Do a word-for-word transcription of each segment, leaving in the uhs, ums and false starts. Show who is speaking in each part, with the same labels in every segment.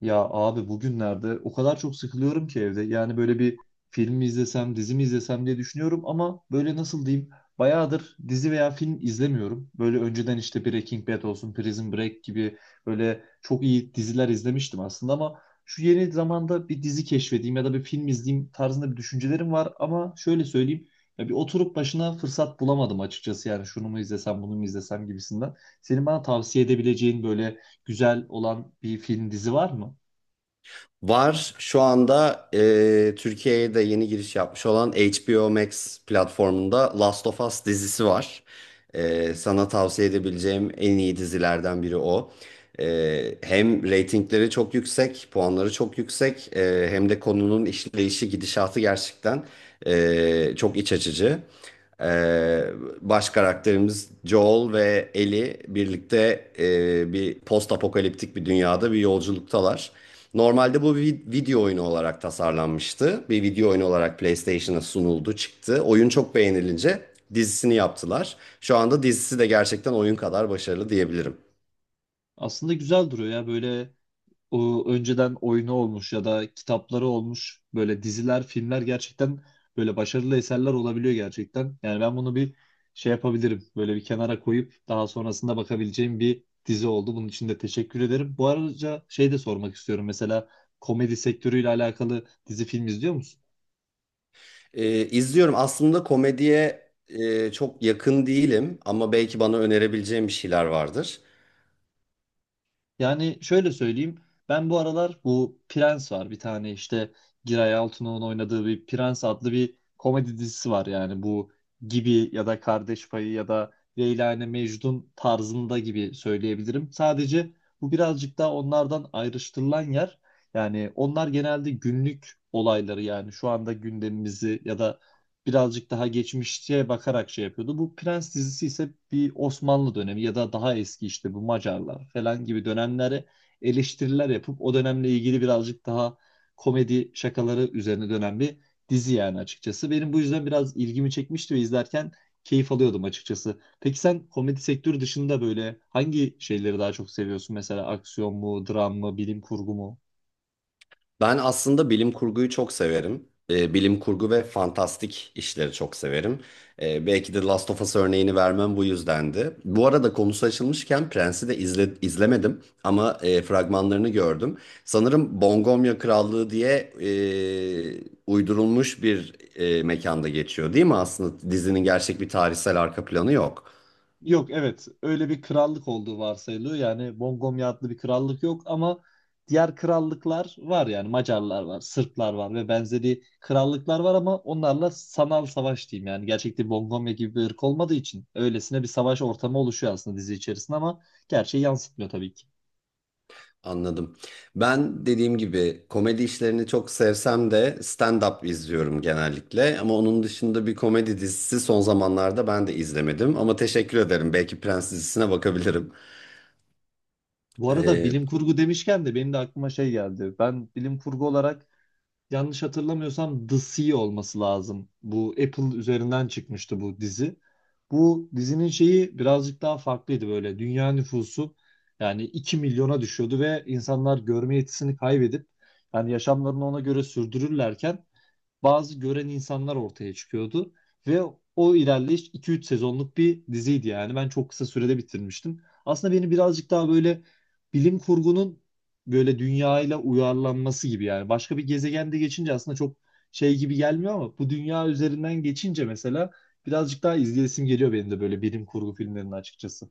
Speaker 1: Ya abi, bugünlerde o kadar çok sıkılıyorum ki evde. Yani böyle bir film mi izlesem, dizi mi izlesem diye düşünüyorum ama böyle nasıl diyeyim? Bayağıdır dizi veya film izlemiyorum. Böyle önceden işte Breaking Bad olsun, Prison Break gibi böyle çok iyi diziler izlemiştim aslında ama şu yeni zamanda bir dizi keşfedeyim ya da bir film izleyeyim tarzında bir düşüncelerim var ama şöyle söyleyeyim, ya bir oturup başına fırsat bulamadım açıkçası, yani şunu mu izlesem bunu mu izlesem gibisinden. Senin bana tavsiye edebileceğin böyle güzel olan bir film dizi var mı?
Speaker 2: Var şu anda e, Türkiye'ye de yeni giriş yapmış olan H B O Max platformunda Last of Us dizisi var. E, sana tavsiye edebileceğim en iyi dizilerden biri o. E, hem reytingleri çok yüksek, puanları çok yüksek, e, hem de konunun işleyişi, gidişatı gerçekten e, çok iç açıcı. Ee, Baş karakterimiz Joel ve Ellie birlikte e, bir post apokaliptik bir dünyada bir yolculuktalar. Normalde bu bir video oyunu olarak tasarlanmıştı. Bir video oyunu olarak PlayStation'a sunuldu, çıktı. Oyun çok beğenilince dizisini yaptılar. Şu anda dizisi de gerçekten oyun kadar başarılı diyebilirim.
Speaker 1: Aslında güzel duruyor ya, böyle o önceden oyunu olmuş ya da kitapları olmuş böyle diziler, filmler gerçekten böyle başarılı eserler olabiliyor gerçekten. Yani ben bunu bir şey yapabilirim. Böyle bir kenara koyup daha sonrasında bakabileceğim bir dizi oldu. Bunun için de teşekkür ederim. Bu arada şey de sormak istiyorum. Mesela komedi sektörüyle alakalı dizi film izliyor musun?
Speaker 2: Ee, izliyorum. Aslında komediye e, çok yakın değilim ama belki bana önerebileceğim bir şeyler vardır.
Speaker 1: Yani şöyle söyleyeyim. Ben bu aralar bu Prens var. Bir tane işte Giray Altun'un oynadığı bir Prens adlı bir komedi dizisi var. Yani bu gibi ya da Kardeş Payı ya da Leyla ile Mecnun tarzında gibi söyleyebilirim. Sadece bu birazcık daha onlardan ayrıştırılan yer. Yani onlar genelde günlük olayları, yani şu anda gündemimizi ya da birazcık daha geçmişe bakarak şey yapıyordu. Bu Prens dizisi ise bir Osmanlı dönemi ya da daha eski işte bu Macarlar falan gibi dönemlere eleştiriler yapıp o dönemle ilgili birazcık daha komedi şakaları üzerine dönen bir dizi yani açıkçası. Benim bu yüzden biraz ilgimi çekmişti ve izlerken keyif alıyordum açıkçası. Peki sen komedi sektörü dışında böyle hangi şeyleri daha çok seviyorsun? Mesela aksiyon mu, dram mı, bilim kurgu mu?
Speaker 2: Ben aslında bilim kurguyu çok severim. Ee, bilim kurgu ve fantastik işleri çok severim. Ee, belki de Last of Us örneğini vermem bu yüzdendi. Bu arada konusu açılmışken Prens'i de izle- izlemedim ama e, fragmanlarını gördüm. Sanırım Bongomya Krallığı diye e, uydurulmuş bir e, mekanda geçiyor, değil mi? Aslında dizinin gerçek bir tarihsel arka planı yok.
Speaker 1: Yok, evet, öyle bir krallık olduğu varsayılıyor. Yani Bongomya adlı bir krallık yok ama diğer krallıklar var, yani Macarlar var, Sırplar var ve benzeri krallıklar var ama onlarla sanal savaş diyeyim yani. Gerçekte Bongomya gibi bir ırk olmadığı için öylesine bir savaş ortamı oluşuyor aslında dizi içerisinde ama gerçeği yansıtmıyor tabii ki.
Speaker 2: Anladım. Ben dediğim gibi komedi işlerini çok sevsem de stand-up izliyorum genellikle. Ama onun dışında bir komedi dizisi son zamanlarda ben de izlemedim. Ama teşekkür ederim. Belki Prens dizisine bakabilirim.
Speaker 1: Bu arada
Speaker 2: Ee,
Speaker 1: bilim kurgu demişken de benim de aklıma şey geldi. Ben bilim kurgu olarak, yanlış hatırlamıyorsam, The Sea olması lazım. Bu Apple üzerinden çıkmıştı bu dizi. Bu dizinin şeyi birazcık daha farklıydı böyle. Dünya nüfusu yani iki milyona düşüyordu ve insanlar görme yetisini kaybedip yani yaşamlarını ona göre sürdürürlerken bazı gören insanlar ortaya çıkıyordu ve o ilerleyiş iki üç sezonluk bir diziydi yani ben çok kısa sürede bitirmiştim. Aslında beni birazcık daha böyle bilim kurgunun böyle dünyayla uyarlanması gibi yani. Başka bir gezegende geçince aslında çok şey gibi gelmiyor ama bu dünya üzerinden geçince mesela birazcık daha izleyesim geliyor benim de böyle bilim kurgu filmlerinin açıkçası.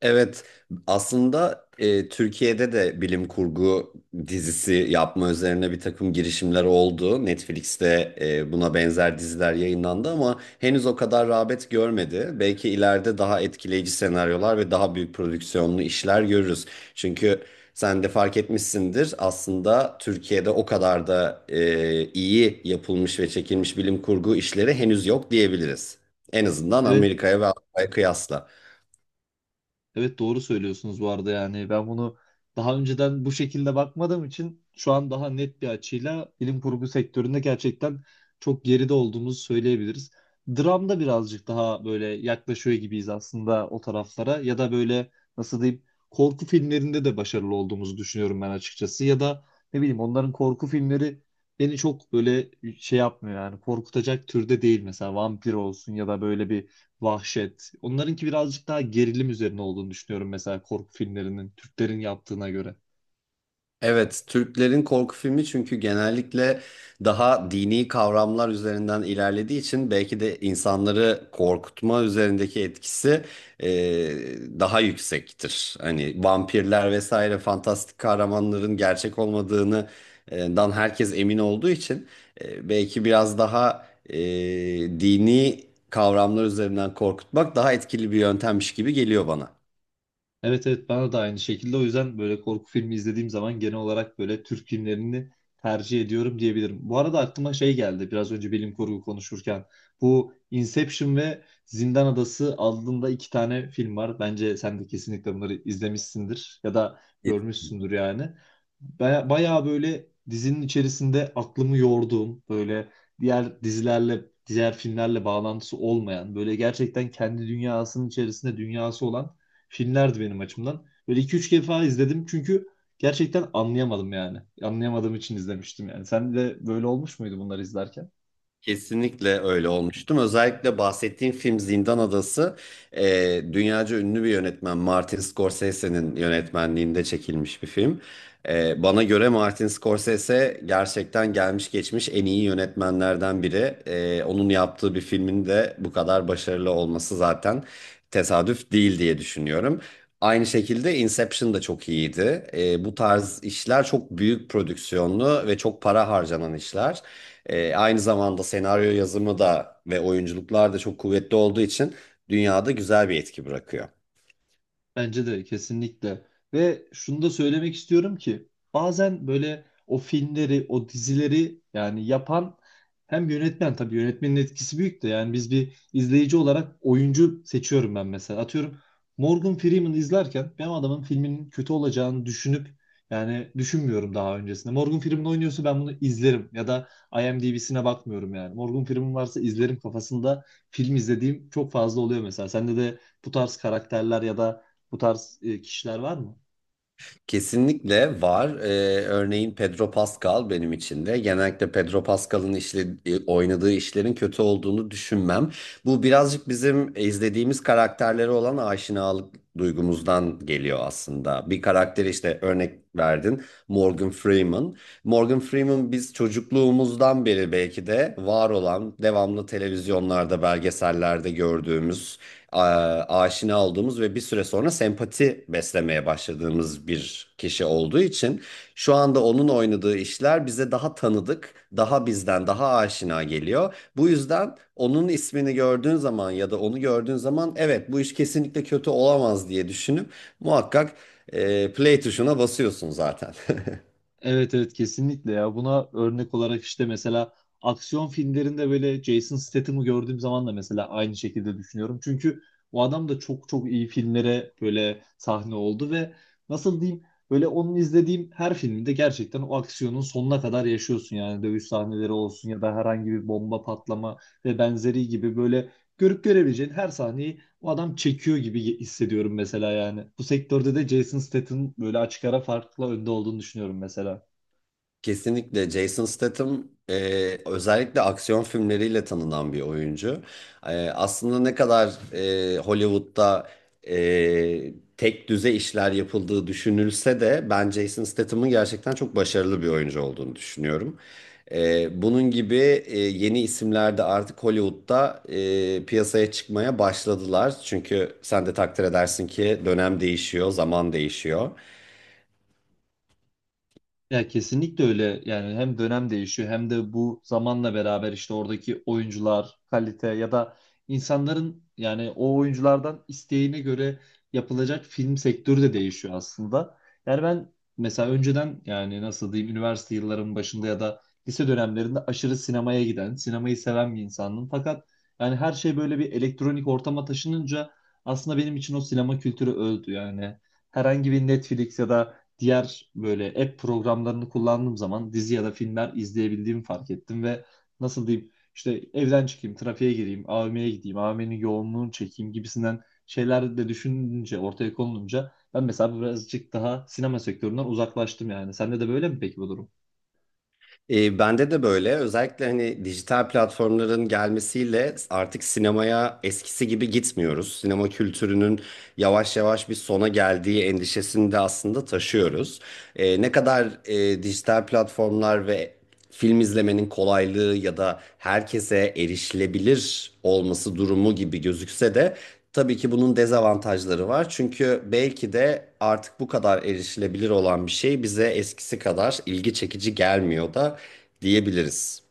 Speaker 2: Evet, aslında e, Türkiye'de de bilim kurgu dizisi yapma üzerine bir takım girişimler oldu. Netflix'te e, buna benzer diziler yayınlandı ama henüz o kadar rağbet görmedi. Belki ileride daha etkileyici senaryolar ve daha büyük prodüksiyonlu işler görürüz. Çünkü sen de fark etmişsindir aslında Türkiye'de o kadar da e, iyi yapılmış ve çekilmiş bilim kurgu işleri henüz yok diyebiliriz. En azından
Speaker 1: Evet,
Speaker 2: Amerika'ya ve Avrupa'ya kıyasla.
Speaker 1: evet, doğru söylüyorsunuz bu arada, yani ben bunu daha önceden bu şekilde bakmadığım için şu an daha net bir açıyla bilim kurgu sektöründe gerçekten çok geride olduğumuzu söyleyebiliriz. Dramda birazcık daha böyle yaklaşıyor gibiyiz aslında o taraflara, ya da böyle nasıl diyeyim, korku filmlerinde de başarılı olduğumuzu düşünüyorum ben açıkçası ya da, ne bileyim, onların korku filmleri beni çok böyle şey yapmıyor yani, korkutacak türde değil mesela, vampir olsun ya da böyle bir vahşet. Onlarınki birazcık daha gerilim üzerine olduğunu düşünüyorum mesela korku filmlerinin, Türklerin yaptığına göre.
Speaker 2: Evet, Türklerin korku filmi çünkü genellikle daha dini kavramlar üzerinden ilerlediği için belki de insanları korkutma üzerindeki etkisi e, daha yüksektir. Hani vampirler vesaire fantastik kahramanların gerçek olmadığını e, dan herkes emin olduğu için e, belki biraz daha e, dini kavramlar üzerinden korkutmak daha etkili bir yöntemmiş gibi geliyor bana.
Speaker 1: Evet, evet, bana da aynı şekilde. O yüzden böyle korku filmi izlediğim zaman genel olarak böyle Türk filmlerini tercih ediyorum diyebilirim. Bu arada aklıma şey geldi biraz önce bilim kurgu konuşurken. Bu Inception ve Zindan Adası adında iki tane film var. Bence sen de kesinlikle bunları izlemişsindir ya da görmüşsündür yani. Baya, bayağı böyle dizinin içerisinde aklımı yorduğum, böyle diğer dizilerle diğer filmlerle bağlantısı olmayan, böyle gerçekten kendi dünyasının içerisinde dünyası olan filmlerdi benim açımdan. Böyle iki üç defa izledim çünkü gerçekten anlayamadım yani. Anlayamadığım için izlemiştim yani. Sen de böyle olmuş muydu bunları izlerken?
Speaker 2: Kesinlikle öyle olmuştum. Özellikle bahsettiğim film Zindan Adası e, dünyaca ünlü bir yönetmen Martin Scorsese'nin yönetmenliğinde çekilmiş bir film. E, bana göre Martin Scorsese gerçekten gelmiş geçmiş en iyi yönetmenlerden biri. E, onun yaptığı bir filmin de bu kadar başarılı olması zaten tesadüf değil diye düşünüyorum. Aynı şekilde Inception da çok iyiydi. E, bu tarz işler çok büyük prodüksiyonlu ve çok para harcanan işler. E, aynı zamanda senaryo yazımı da ve oyunculuklar da çok kuvvetli olduğu için dünyada güzel bir etki bırakıyor.
Speaker 1: Bence de kesinlikle. Ve şunu da söylemek istiyorum ki, bazen böyle o filmleri, o dizileri yani yapan hem yönetmen, tabii yönetmenin etkisi büyük de, yani biz bir izleyici olarak oyuncu seçiyorum ben mesela. Atıyorum, Morgan Freeman izlerken ben adamın filminin kötü olacağını düşünüp, yani düşünmüyorum daha öncesinde. Morgan Freeman oynuyorsa ben bunu izlerim ya da IMDb'sine bakmıyorum yani. Morgan Freeman varsa izlerim kafasında film izlediğim çok fazla oluyor mesela. Sende de bu tarz karakterler ya da bu tarz e, kişiler var mı?
Speaker 2: Kesinlikle var. Ee, örneğin Pedro Pascal benim için de. Genellikle Pedro Pascal'ın işle, e, oynadığı işlerin kötü olduğunu düşünmem. Bu birazcık bizim izlediğimiz karakterlere olan aşinalık duygumuzdan geliyor aslında. Bir karakteri işte örnek verdin Morgan Freeman. Morgan Freeman biz çocukluğumuzdan beri belki de var olan devamlı televizyonlarda, belgesellerde gördüğümüz a- aşina olduğumuz ve bir süre sonra sempati beslemeye başladığımız bir kişi olduğu için şu anda onun oynadığı işler bize daha tanıdık, daha bizden daha aşina geliyor. Bu yüzden onun ismini gördüğün zaman ya da onu gördüğün zaman evet bu iş kesinlikle kötü olamaz diye düşünüp muhakkak e, play tuşuna basıyorsun zaten.
Speaker 1: Evet, evet, kesinlikle ya. Buna örnek olarak, işte mesela aksiyon filmlerinde böyle Jason Statham'ı gördüğüm zaman da mesela aynı şekilde düşünüyorum. Çünkü o adam da çok çok iyi filmlere böyle sahne oldu ve nasıl diyeyim, böyle onun izlediğim her filmde gerçekten o aksiyonun sonuna kadar yaşıyorsun yani, dövüş sahneleri olsun ya da herhangi bir bomba patlama ve benzeri gibi, böyle görüp görebileceğin her sahneyi o adam çekiyor gibi hissediyorum mesela yani. Bu sektörde de Jason Statham böyle açık ara farklı önde olduğunu düşünüyorum mesela.
Speaker 2: Kesinlikle Jason Statham e, özellikle aksiyon filmleriyle tanınan bir oyuncu. E, aslında ne kadar e, Hollywood'da e, tek düze işler yapıldığı düşünülse de ben Jason Statham'ın gerçekten çok başarılı bir oyuncu olduğunu düşünüyorum. E, bunun gibi e, yeni isimler de artık Hollywood'da e, piyasaya çıkmaya başladılar. Çünkü sen de takdir edersin ki dönem değişiyor, zaman değişiyor.
Speaker 1: Ya kesinlikle öyle yani, hem dönem değişiyor hem de bu zamanla beraber işte oradaki oyuncular kalite ya da insanların yani o oyunculardan isteğine göre yapılacak film sektörü de değişiyor aslında. Yani ben mesela önceden, yani nasıl diyeyim, üniversite yıllarımın başında ya da lise dönemlerinde aşırı sinemaya giden, sinemayı seven bir insandım. Fakat yani her şey böyle bir elektronik ortama taşınınca aslında benim için o sinema kültürü öldü yani. Herhangi bir Netflix ya da diğer böyle app programlarını kullandığım zaman dizi ya da filmler izleyebildiğimi fark ettim ve nasıl diyeyim, işte evden çıkayım, trafiğe gireyim, A V M'ye gideyim, A V M'nin yoğunluğunu çekeyim gibisinden şeyler de düşününce, ortaya konulunca ben mesela birazcık daha sinema sektöründen uzaklaştım yani. Sende de böyle mi peki bu durum?
Speaker 2: E, bende de böyle. Özellikle hani dijital platformların gelmesiyle artık sinemaya eskisi gibi gitmiyoruz. Sinema kültürünün yavaş yavaş bir sona geldiği endişesini de aslında taşıyoruz. E, ne kadar e, dijital platformlar ve film izlemenin kolaylığı ya da herkese erişilebilir olması durumu gibi gözükse de tabii ki bunun dezavantajları var. Çünkü belki de artık bu kadar erişilebilir olan bir şey bize eskisi kadar ilgi çekici gelmiyor da diyebiliriz.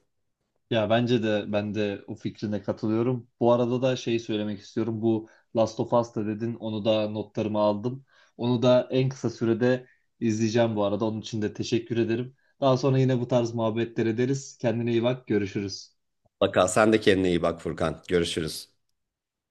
Speaker 1: Ya bence de ben de o fikrine katılıyorum. Bu arada da şey söylemek istiyorum. Bu Last of Us'ta dedin. Onu da notlarımı aldım. Onu da en kısa sürede izleyeceğim bu arada. Onun için de teşekkür ederim. Daha sonra yine bu tarz muhabbetler ederiz. Kendine iyi bak. Görüşürüz.
Speaker 2: Mutlaka sen de kendine iyi bak, Furkan. Görüşürüz.